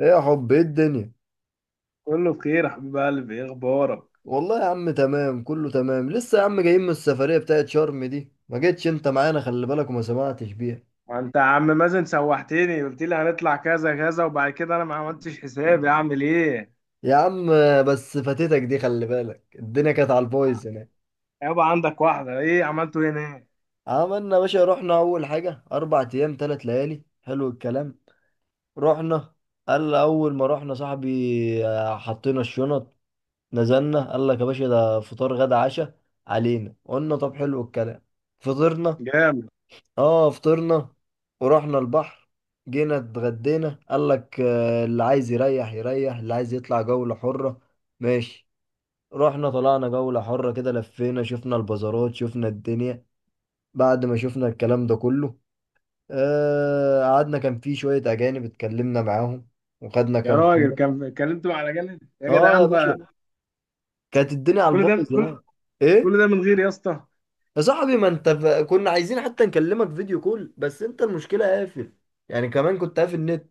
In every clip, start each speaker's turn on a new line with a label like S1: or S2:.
S1: ايه يا حب، ايه الدنيا؟
S2: كله بخير يا حبيب قلبي، ايه اخبارك؟
S1: والله يا عم، تمام، كله تمام. لسه يا عم جايين من السفرية بتاعت شرم دي، ما جيتش انت معانا، خلي بالك، وما سمعتش بيها.
S2: ما انت يا عم مازن سوحتني، قلت لي هنطلع كذا كذا وبعد كده انا ما عملتش حسابي. اعمل ايه؟
S1: يا عم، بس فاتتك دي، خلي بالك، الدنيا كانت على البايظ هناك.
S2: يابا عندك واحده، ايه عملته هنا؟ ايه؟
S1: عملنا يا باشا، رحنا اول حاجة، 4 ايام 3 ليالي، حلو الكلام. رحنا، قال، اول ما رحنا صاحبي، حطينا الشنط. نزلنا، قال لك يا باشا ده فطار غدا عشاء علينا، قلنا طب حلو الكلام، فطرنا.
S2: جامد.
S1: اه، فطرنا ورحنا البحر. جينا اتغدينا، قال لك، اللي عايز يريح يريح، اللي عايز يطلع جولة حرة، ماشي. رحنا طلعنا جولة حرة، كده لفينا، شفنا البازارات، شفنا الدنيا. بعد ما شفنا الكلام ده كله، قعدنا، كان في شوية أجانب اتكلمنا معاهم، وخدنا
S2: يا
S1: كام
S2: راجل،
S1: صورة.
S2: كان اتكلمتوا على جنب يا
S1: اه يا
S2: جدعان
S1: باشا،
S2: بقى.
S1: كانت الدنيا على
S2: كل ده
S1: البايظ
S2: كل
S1: هناك.
S2: كل
S1: ايه؟
S2: ده من غير يا اسطى؟
S1: يا صاحبي، ما انت كنا عايزين حتى نكلمك فيديو كول، بس انت المشكلة قافل. يعني كمان كنت قافل النت.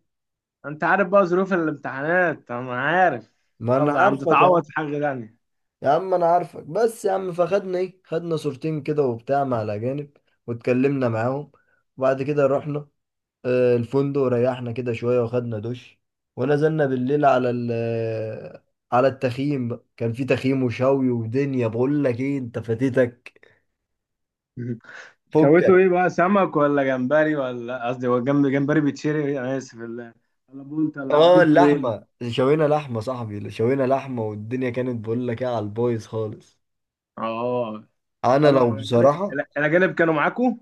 S2: انت عارف بقى ظروف الامتحانات، انا عارف.
S1: ما انا
S2: يلا يا عم،
S1: عارفك يا
S2: تتعوض
S1: عم.
S2: في حاجه تانيه.
S1: يا عم انا عارفك، بس يا عم، فخدنا ايه، خدنا صورتين كده وبتاع مع الاجانب، واتكلمنا معاهم. وبعد كده رحنا الفندق، وريحنا كده شوية، وخدنا دش. ونزلنا بالليل على ال آه، على التخييم بقى. كان في تخييم وشوي ودنيا، بقول لك ايه، انت فاتتك.
S2: شويته
S1: فكك.
S2: ايه بقى؟ سمك ولا جمبري ولا، قصدي هو جنب جمبري بيتشري، انا اسف، ولا بولت ولا
S1: اه،
S2: جبته ايه؟
S1: اللحمة شوينا لحمة، صاحبي شوينا لحمة، والدنيا كانت بقول لك ايه، على البايظ خالص.
S2: اه،
S1: انا
S2: طبعا
S1: لو
S2: الأجانب.
S1: بصراحة.
S2: الأجانب كانوا معاكوا؟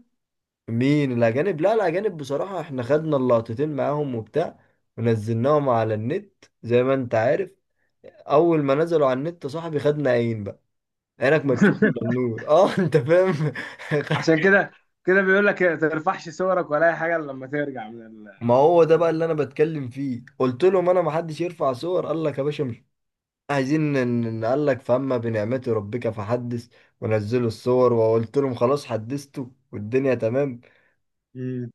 S1: مين الأجانب؟ لا، الأجانب بصراحة احنا خدنا اللقطتين معاهم وبتاع، ونزلناهم على النت زي ما انت عارف. أول ما نزلوا على النت يا صاحبي، خدنا عين بقى، عينك ما تشوف إلا النور، اه. انت فاهم؟
S2: عشان كده، كده بيقول لك ما ترفعش صورك ولا اي حاجه إلا لما ترجع من ال-.
S1: ما هو ده بقى اللي انا بتكلم فيه، قلت لهم انا، ما حدش يرفع صور، قال لك يا باشا مش عايزين قال لك فاما بنعمة ربك فحدث. ونزلوا الصور، وقلت لهم خلاص حدثتوا، والدنيا تمام.
S2: مم.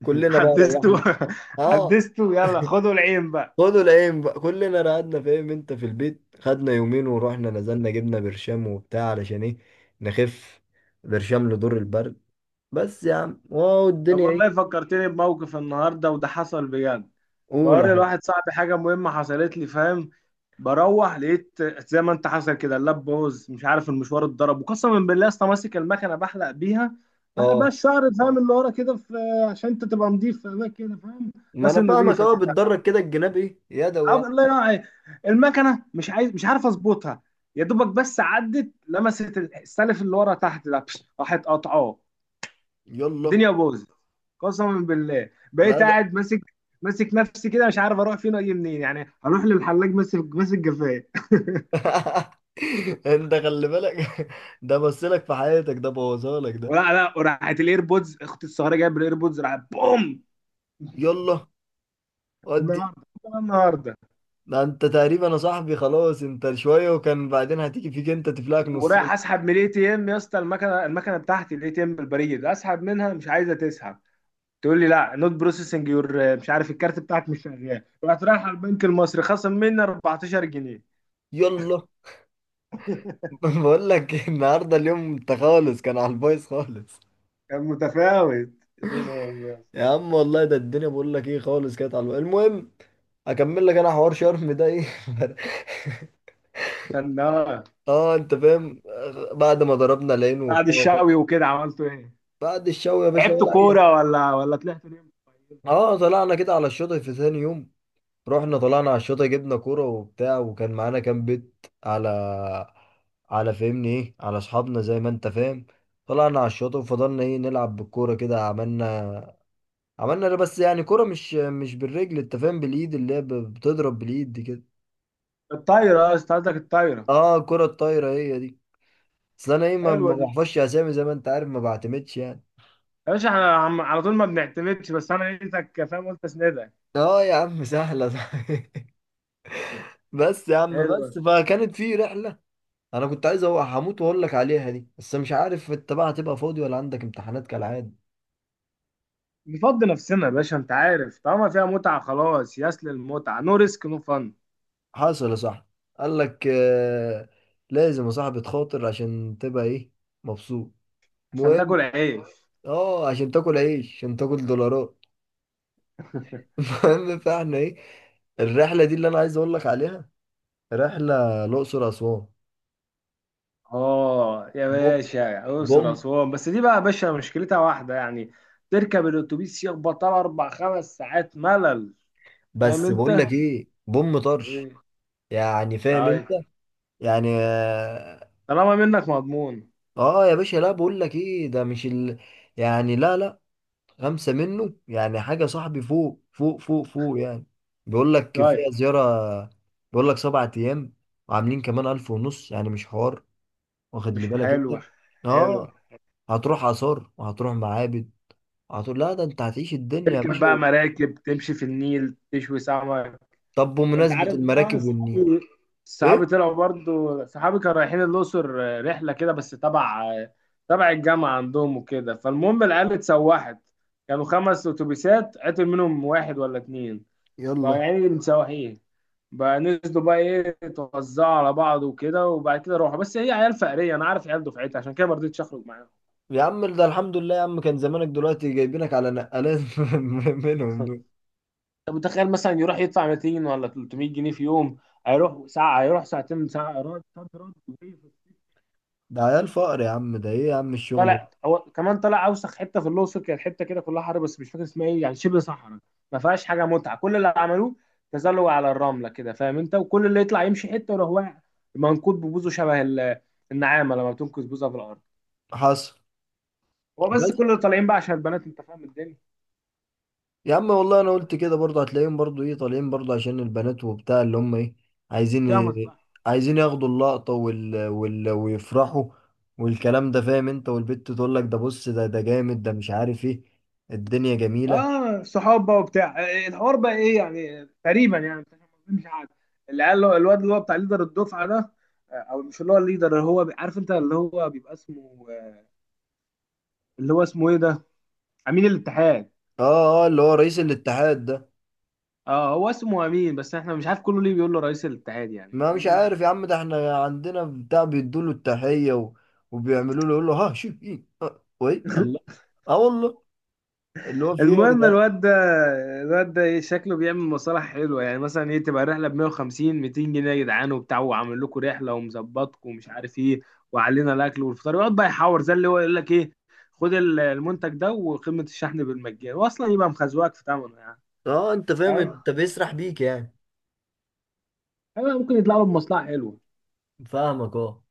S1: كلنا بقى
S2: حدثته.
S1: ريحنا. اه،
S2: حدثته، يلا خدوا العين بقى.
S1: خدوا العين بقى، كلنا قعدنا، فاهم انت، في البيت خدنا 2 يوم، ورحنا نزلنا جبنا برشام وبتاع علشان ايه نخف، برشام لدور البرد. بس يا عم، واو،
S2: طب
S1: الدنيا
S2: والله،
S1: ايه.
S2: فكرتني بموقف النهارده، وده حصل بجد.
S1: قول يا
S2: بوري
S1: حب.
S2: لواحد صاحبي حاجة مهمة حصلت لي، فاهم؟ بروح لقيت، زي ما انت حصل كده، اللاب بوظ، مش عارف المشوار اتضرب، وقسما بالله اصلا ماسك المكنة بحلق بيها
S1: اه،
S2: الشعر، فاهم؟ اللي ورا كده، في عشان انت تبقى نضيف في اماكن كده، فاهم؟
S1: ما
S2: الناس
S1: انا فاهمك،
S2: النضيفة
S1: اهو
S2: دي بتاع.
S1: بتدرج كده، الجناب ايه، يدوي يعني.
S2: الله ينور عليك. المكنة مش عارف اظبطها. يا دوبك بس عدت لمست السلف اللي ورا تحت ده، راحت قاطعاه.
S1: يلا.
S2: الدنيا باظت. قسما بالله
S1: لا،
S2: بقيت
S1: ده.
S2: قاعد ماسك ماسك نفسي كده، مش عارف اروح فين واجي منين. يعني هروح للحلاق ماسك جفايه.
S1: انت خلي بالك. ده بصلك في حياتك، ده بوظهالك ده.
S2: ولا لا، وراحت الايربودز، اختي الصغيره جايب الايربودز راحت بوم.
S1: يلا، ودي.
S2: النهارده، النهارده،
S1: ده انت تقريبا يا صاحبي، خلاص انت شوية، وكان بعدين هتيجي فيك انت، تفلقك
S2: ورايح
S1: نصين.
S2: اسحب من الاي تي ام يا اسطى، المكنه بتاعتي، الاي تي ام البريد، اسحب منها مش عايزه تسحب. تقول لي لا نوت بروسيسنج يور، مش عارف، الكارت بتاعك مش شغال. رحت رايح على البنك المصري، خصم مني 14 جنيه.
S1: يلا. بقول لك النهارده اليوم انت خالص، كان على البايظ خالص.
S2: كان متفاوت. دين امي.
S1: يا عم والله، ده الدنيا بقول لك ايه خالص، كانت على البايظ. المهم، اكمل لك انا حوار شرم ده ايه.
S2: عشان ده،
S1: اه انت فاهم، بعد ما ضربنا العين
S2: بعد
S1: وبتاع
S2: الشاوي وكده عملتوا ايه؟
S1: بعد الشوي يا باشا،
S2: لعبتوا
S1: ولا اي حاجة.
S2: كوره ولا طلعتوا ليه؟
S1: اه طلعنا كده على الشاطئ في ثاني يوم، رحنا طلعنا على الشاطئ، جبنا كوره وبتاع، وكان معانا كام بيت على على فهمني ايه على اصحابنا زي ما انت فاهم. طلعنا على الشاطئ وفضلنا ايه نلعب بالكوره كده، عملنا ده، بس يعني كرة مش بالرجل، انت فاهم، بالايد، اللي هي بتضرب بالايد دي كده.
S2: الطايره، اه. أنت قصدك الطايره.
S1: اه، الكرة الطايرة هي دي. اصل انا ايه، ما
S2: حلوه
S1: ما
S2: دي.
S1: بحفظش اسامي، زي ما انت عارف، ما بعتمدش يعني.
S2: يا باشا، احنا على طول ما بنعتمدش، بس انا لقيتك فاهم، قلت اسندك.
S1: اه يا عم، سهلة. بس يا عم،
S2: حلوه.
S1: بس فكانت في رحلة. انا كنت عايز هموت واقول لك عليها دي، بس مش عارف انت بقى هتبقى فاضي، ولا عندك امتحانات كالعادة.
S2: نفضي نفسنا يا باشا، انت عارف طالما فيها متعه، خلاص ياس للمتعه، نو ريسك نو فن.
S1: حصل يا صاحبي، قال لك آه. لازم يا صاحبي تخاطر عشان تبقى ايه، مبسوط،
S2: عشان
S1: مهم.
S2: تاكل عيش.
S1: اه، عشان تاكل عيش، عشان تاكل دولارات. المهم، فاحنا ايه، الرحله دي اللي انا عايز اقول لك عليها، رحله الاقصر اسوان.
S2: اه يا
S1: بوم،
S2: باشا،
S1: بوم،
S2: اقصر اسوان، بس دي بقى يا باشا مشكلتها واحده يعني. تركب الاتوبيس يخبط على اربع خمس ساعات، ملل. فاهم
S1: بس بقول
S2: انت؟
S1: لك ايه، بوم طرش.
S2: ايه؟
S1: يعني فاهم انت،
S2: طيب.
S1: يعني اه.
S2: طالما منك مضمون.
S1: آه يا باشا، لا بقول لك ايه، ده مش ال... يعني لا لا، خمسه منه، يعني حاجه صاحبي، فوق فوق فوق فوق يعني. بيقول لك
S2: طيب.
S1: فيها زياره، بيقول لك 7 ايام، وعاملين كمان 1500، يعني مش حوار، واخد لي
S2: مش
S1: بالك انت.
S2: حلوة. حلوة.
S1: اه، هتروح آثار، وهتروح معابد، هتقول لا، ده انت هتعيش الدنيا يا
S2: تركب بقى
S1: باشا.
S2: مراكب، تمشي في النيل، تشوي سمك.
S1: طب،
S2: انت
S1: بمناسبة
S2: عارف بقى
S1: المراكب والنيل،
S2: صحابي. صحابي
S1: ايه؟
S2: طلعوا برضو، صحابي كانوا رايحين الأقصر رحلة كده، بس تبع الجامعة عندهم وكده. فالمهم العيال اتسوحت، كانوا خمس أتوبيسات، عطل منهم واحد ولا اتنين، بقى
S1: يلا
S2: يعني متسوحين. بقى نزلوا، بقى ايه، توزعوا على بعض وكده، وبعد كده روحوا. بس هي عيال فقرية، أنا عارف عيال دفعتي، عشان كده ما رضيتش أخرج
S1: يا عم، ده الحمد لله يا عم، كان زمانك دلوقتي جايبينك على نقلات منهم
S2: معاهم.
S1: دول.
S2: انت متخيل مثلا يروح يدفع 200 ولا 300 جنيه في يوم؟ هيروح ساعه، هيروح ساعتين، ساعه رد صد رد وجاي
S1: ده عيال فقر يا عم، ده ايه يا عم الشغل ده؟
S2: طلع هو كمان، طلع اوسخ حته في الاقصر، كانت حته كده كلها حر بس مش فاكر اسمها ايه، يعني شبه صحراء. ما فيهاش حاجه متعه، كل اللي عملوه تزلج على الرمله كده، فاهم انت؟ وكل اللي يطلع يمشي حته ويروح واقع منكوب ببوزه شبه النعامه لما بتنكس بوزها في الارض.
S1: حصل.
S2: هو بس
S1: بس
S2: كل اللي طالعين بقى عشان البنات، انت فاهم الدنيا،
S1: يا عم والله، انا قلت كده برضه هتلاقيهم، برضه ايه طالعين برضه عشان البنات وبتاع، اللي هم ايه، عايزين
S2: فيها
S1: ي-
S2: مصلحه.
S1: عايزين ياخدوا اللقطة، ويفرحوا، والكلام ده، فاهم انت، والبت تقول لك ده بص، ده جامد، ده مش عارف ايه، الدنيا جميلة.
S2: اه صحاب بقى وبتاع، الحوار بقى ايه يعني، تقريبا يعني أنت فاهم قصدي؟ مش عارف. العيال الواد اللي هو بتاع ليدر الدفعه ده، او مش اللي هو الليدر، اللي هو عارف انت، اللي هو بيبقى اسمه اللي هو اسمه ايه ده، امين الاتحاد.
S1: اه، اه، اللي هو رئيس الاتحاد ده.
S2: اه هو اسمه امين، بس احنا مش عارف كله ليه بيقول له رئيس الاتحاد يعني.
S1: ما مش عارف يا عم، ده احنا عندنا بتاع بيدوا له التحية وبيعملوا له، يقول له ها، شوف ايه، اه، وي
S2: ليه؟
S1: الله. اه والله. اللي هو في ايه يا
S2: المهم
S1: جدعان؟
S2: الواد ده. الواد ده ايه شكله بيعمل مصالح حلوه، يعني مثلا ايه، تبقى الرحله ب 150 200 جنيه يا جدعان وبتاع، وعامل لكم رحله ومظبطكم ومش عارف ايه، وعلينا الاكل والفطار، يقعد بقى يحور زي اللي هو يقول لك ايه، خد المنتج ده وقيمه الشحن بالمجان، واصلا يبقى مخزوقك في ثمنه يعني.
S1: اه انت فاهم،
S2: فاهم؟
S1: انت بيسرح بيك يعني.
S2: أيوة، ممكن يطلع له بمصلحه حلوه،
S1: فاهمك اه.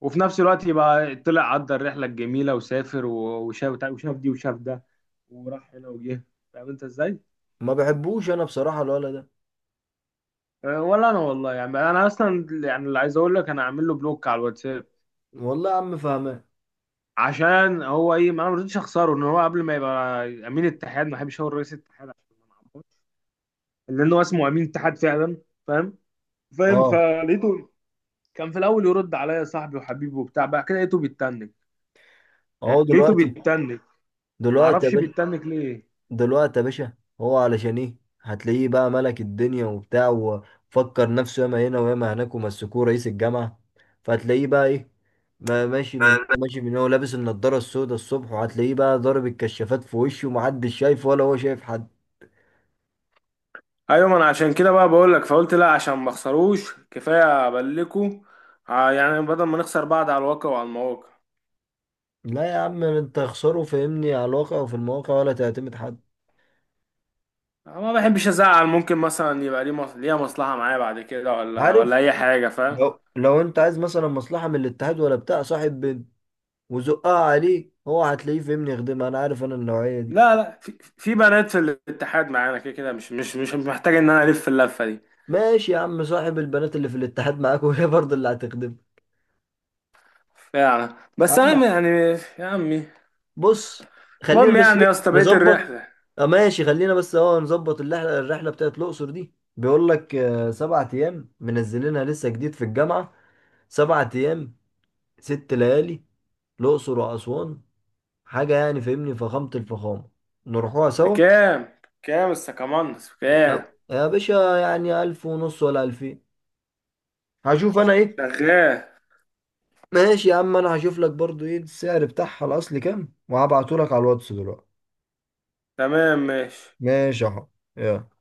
S2: وفي نفس الوقت يبقى طلع، عدى الرحله الجميله، وسافر وشاف دي وشاف ده، وراح هنا وجه. فاهم انت ازاي؟
S1: ما بحبوش انا بصراحة الولد ده.
S2: أه، ولا انا والله، يعني انا اصلا يعني، اللي عايز اقول لك، انا عامل له بلوك على الواتساب.
S1: والله يا عم، فاهمان.
S2: عشان هو ايه، ما انا ما رضيتش اخسره، ان هو قبل ما يبقى امين اتحاد، ما بحبش اقول رئيس اتحاد عشان ما نعمرش، لان هو اسمه امين اتحاد فعلا. فاهم؟ فاهم،
S1: اه،
S2: فلقيته كان في الاول يرد عليا صاحبي وحبيبي وبتاع، بعد كده لقيته بيتنك.
S1: اهو
S2: أه، لقيته
S1: دلوقتي،
S2: بيتنك، ما
S1: دلوقتي يا
S2: اعرفش
S1: باشا،
S2: بيتنك ليه.
S1: دلوقتي يا باشا، هو علشان ايه، هتلاقيه بقى ملك الدنيا وبتاع، وفكر نفسه ياما هنا وياما هناك، ومسكوه رئيس الجامعة. فهتلاقيه بقى ايه، ماشي من هو لابس النضارة السوداء الصبح، وهتلاقيه بقى ضارب الكشافات في وشه، ومحدش شايف ولا هو شايف حد.
S2: ايوه، ما انا عشان كده بقى بقول لك، فقلت لا، عشان ما اخسروش كفايه ابلكوا، يعني بدل ما نخسر بعض على الواقع وعلى المواقع.
S1: لا يا عم، انت خسره فاهمني على الواقع وفي المواقع، ولا تعتمد حد.
S2: ما بحبش ازعل، ممكن مثلا يبقى ليه ليها مصلحة معايا بعد كده ولا
S1: عارف.
S2: اي حاجة، فاهم؟
S1: لو انت عايز مثلا مصلحة من الاتحاد ولا بتاع، صاحب بنت وزقها عليه، هو هتلاقيه فاهمني يخدمها، انا عارف انا النوعية دي.
S2: لا لا، في بنات في الاتحاد معانا كده كده، مش محتاج ان انا الف اللفة دي
S1: ماشي يا عم، صاحب البنات اللي في الاتحاد معاك، وهي برضه اللي هتخدم.
S2: يعني. بس انا
S1: أما،
S2: يعني، يا عمي،
S1: بص، خلينا
S2: المهم
S1: بس
S2: يعني
S1: ايه،
S2: يا اسطى، بقيت
S1: نظبط.
S2: الرحلة،
S1: اه ماشي، خلينا بس اه نظبط الرحله بتاعت الاقصر دي، بيقول لك 7 ايام، منزلينها لسه جديد في الجامعه. 7 ايام، 6 ليالي، الاقصر واسوان، حاجه يعني فاهمني، فخامه الفخامه، نروحوها سوا.
S2: بكام السكامانس، بكام؟
S1: يا باشا يعني، 1500 ولا 2000، هشوف انا ايه.
S2: شغال.
S1: ماشي يا عم، انا هشوف لك برضو ايه السعر بتاعها الاصلي كام، وهبعته لك على الواتس دلوقتي.
S2: تمام ماشي.
S1: ماشي اهو، يلا.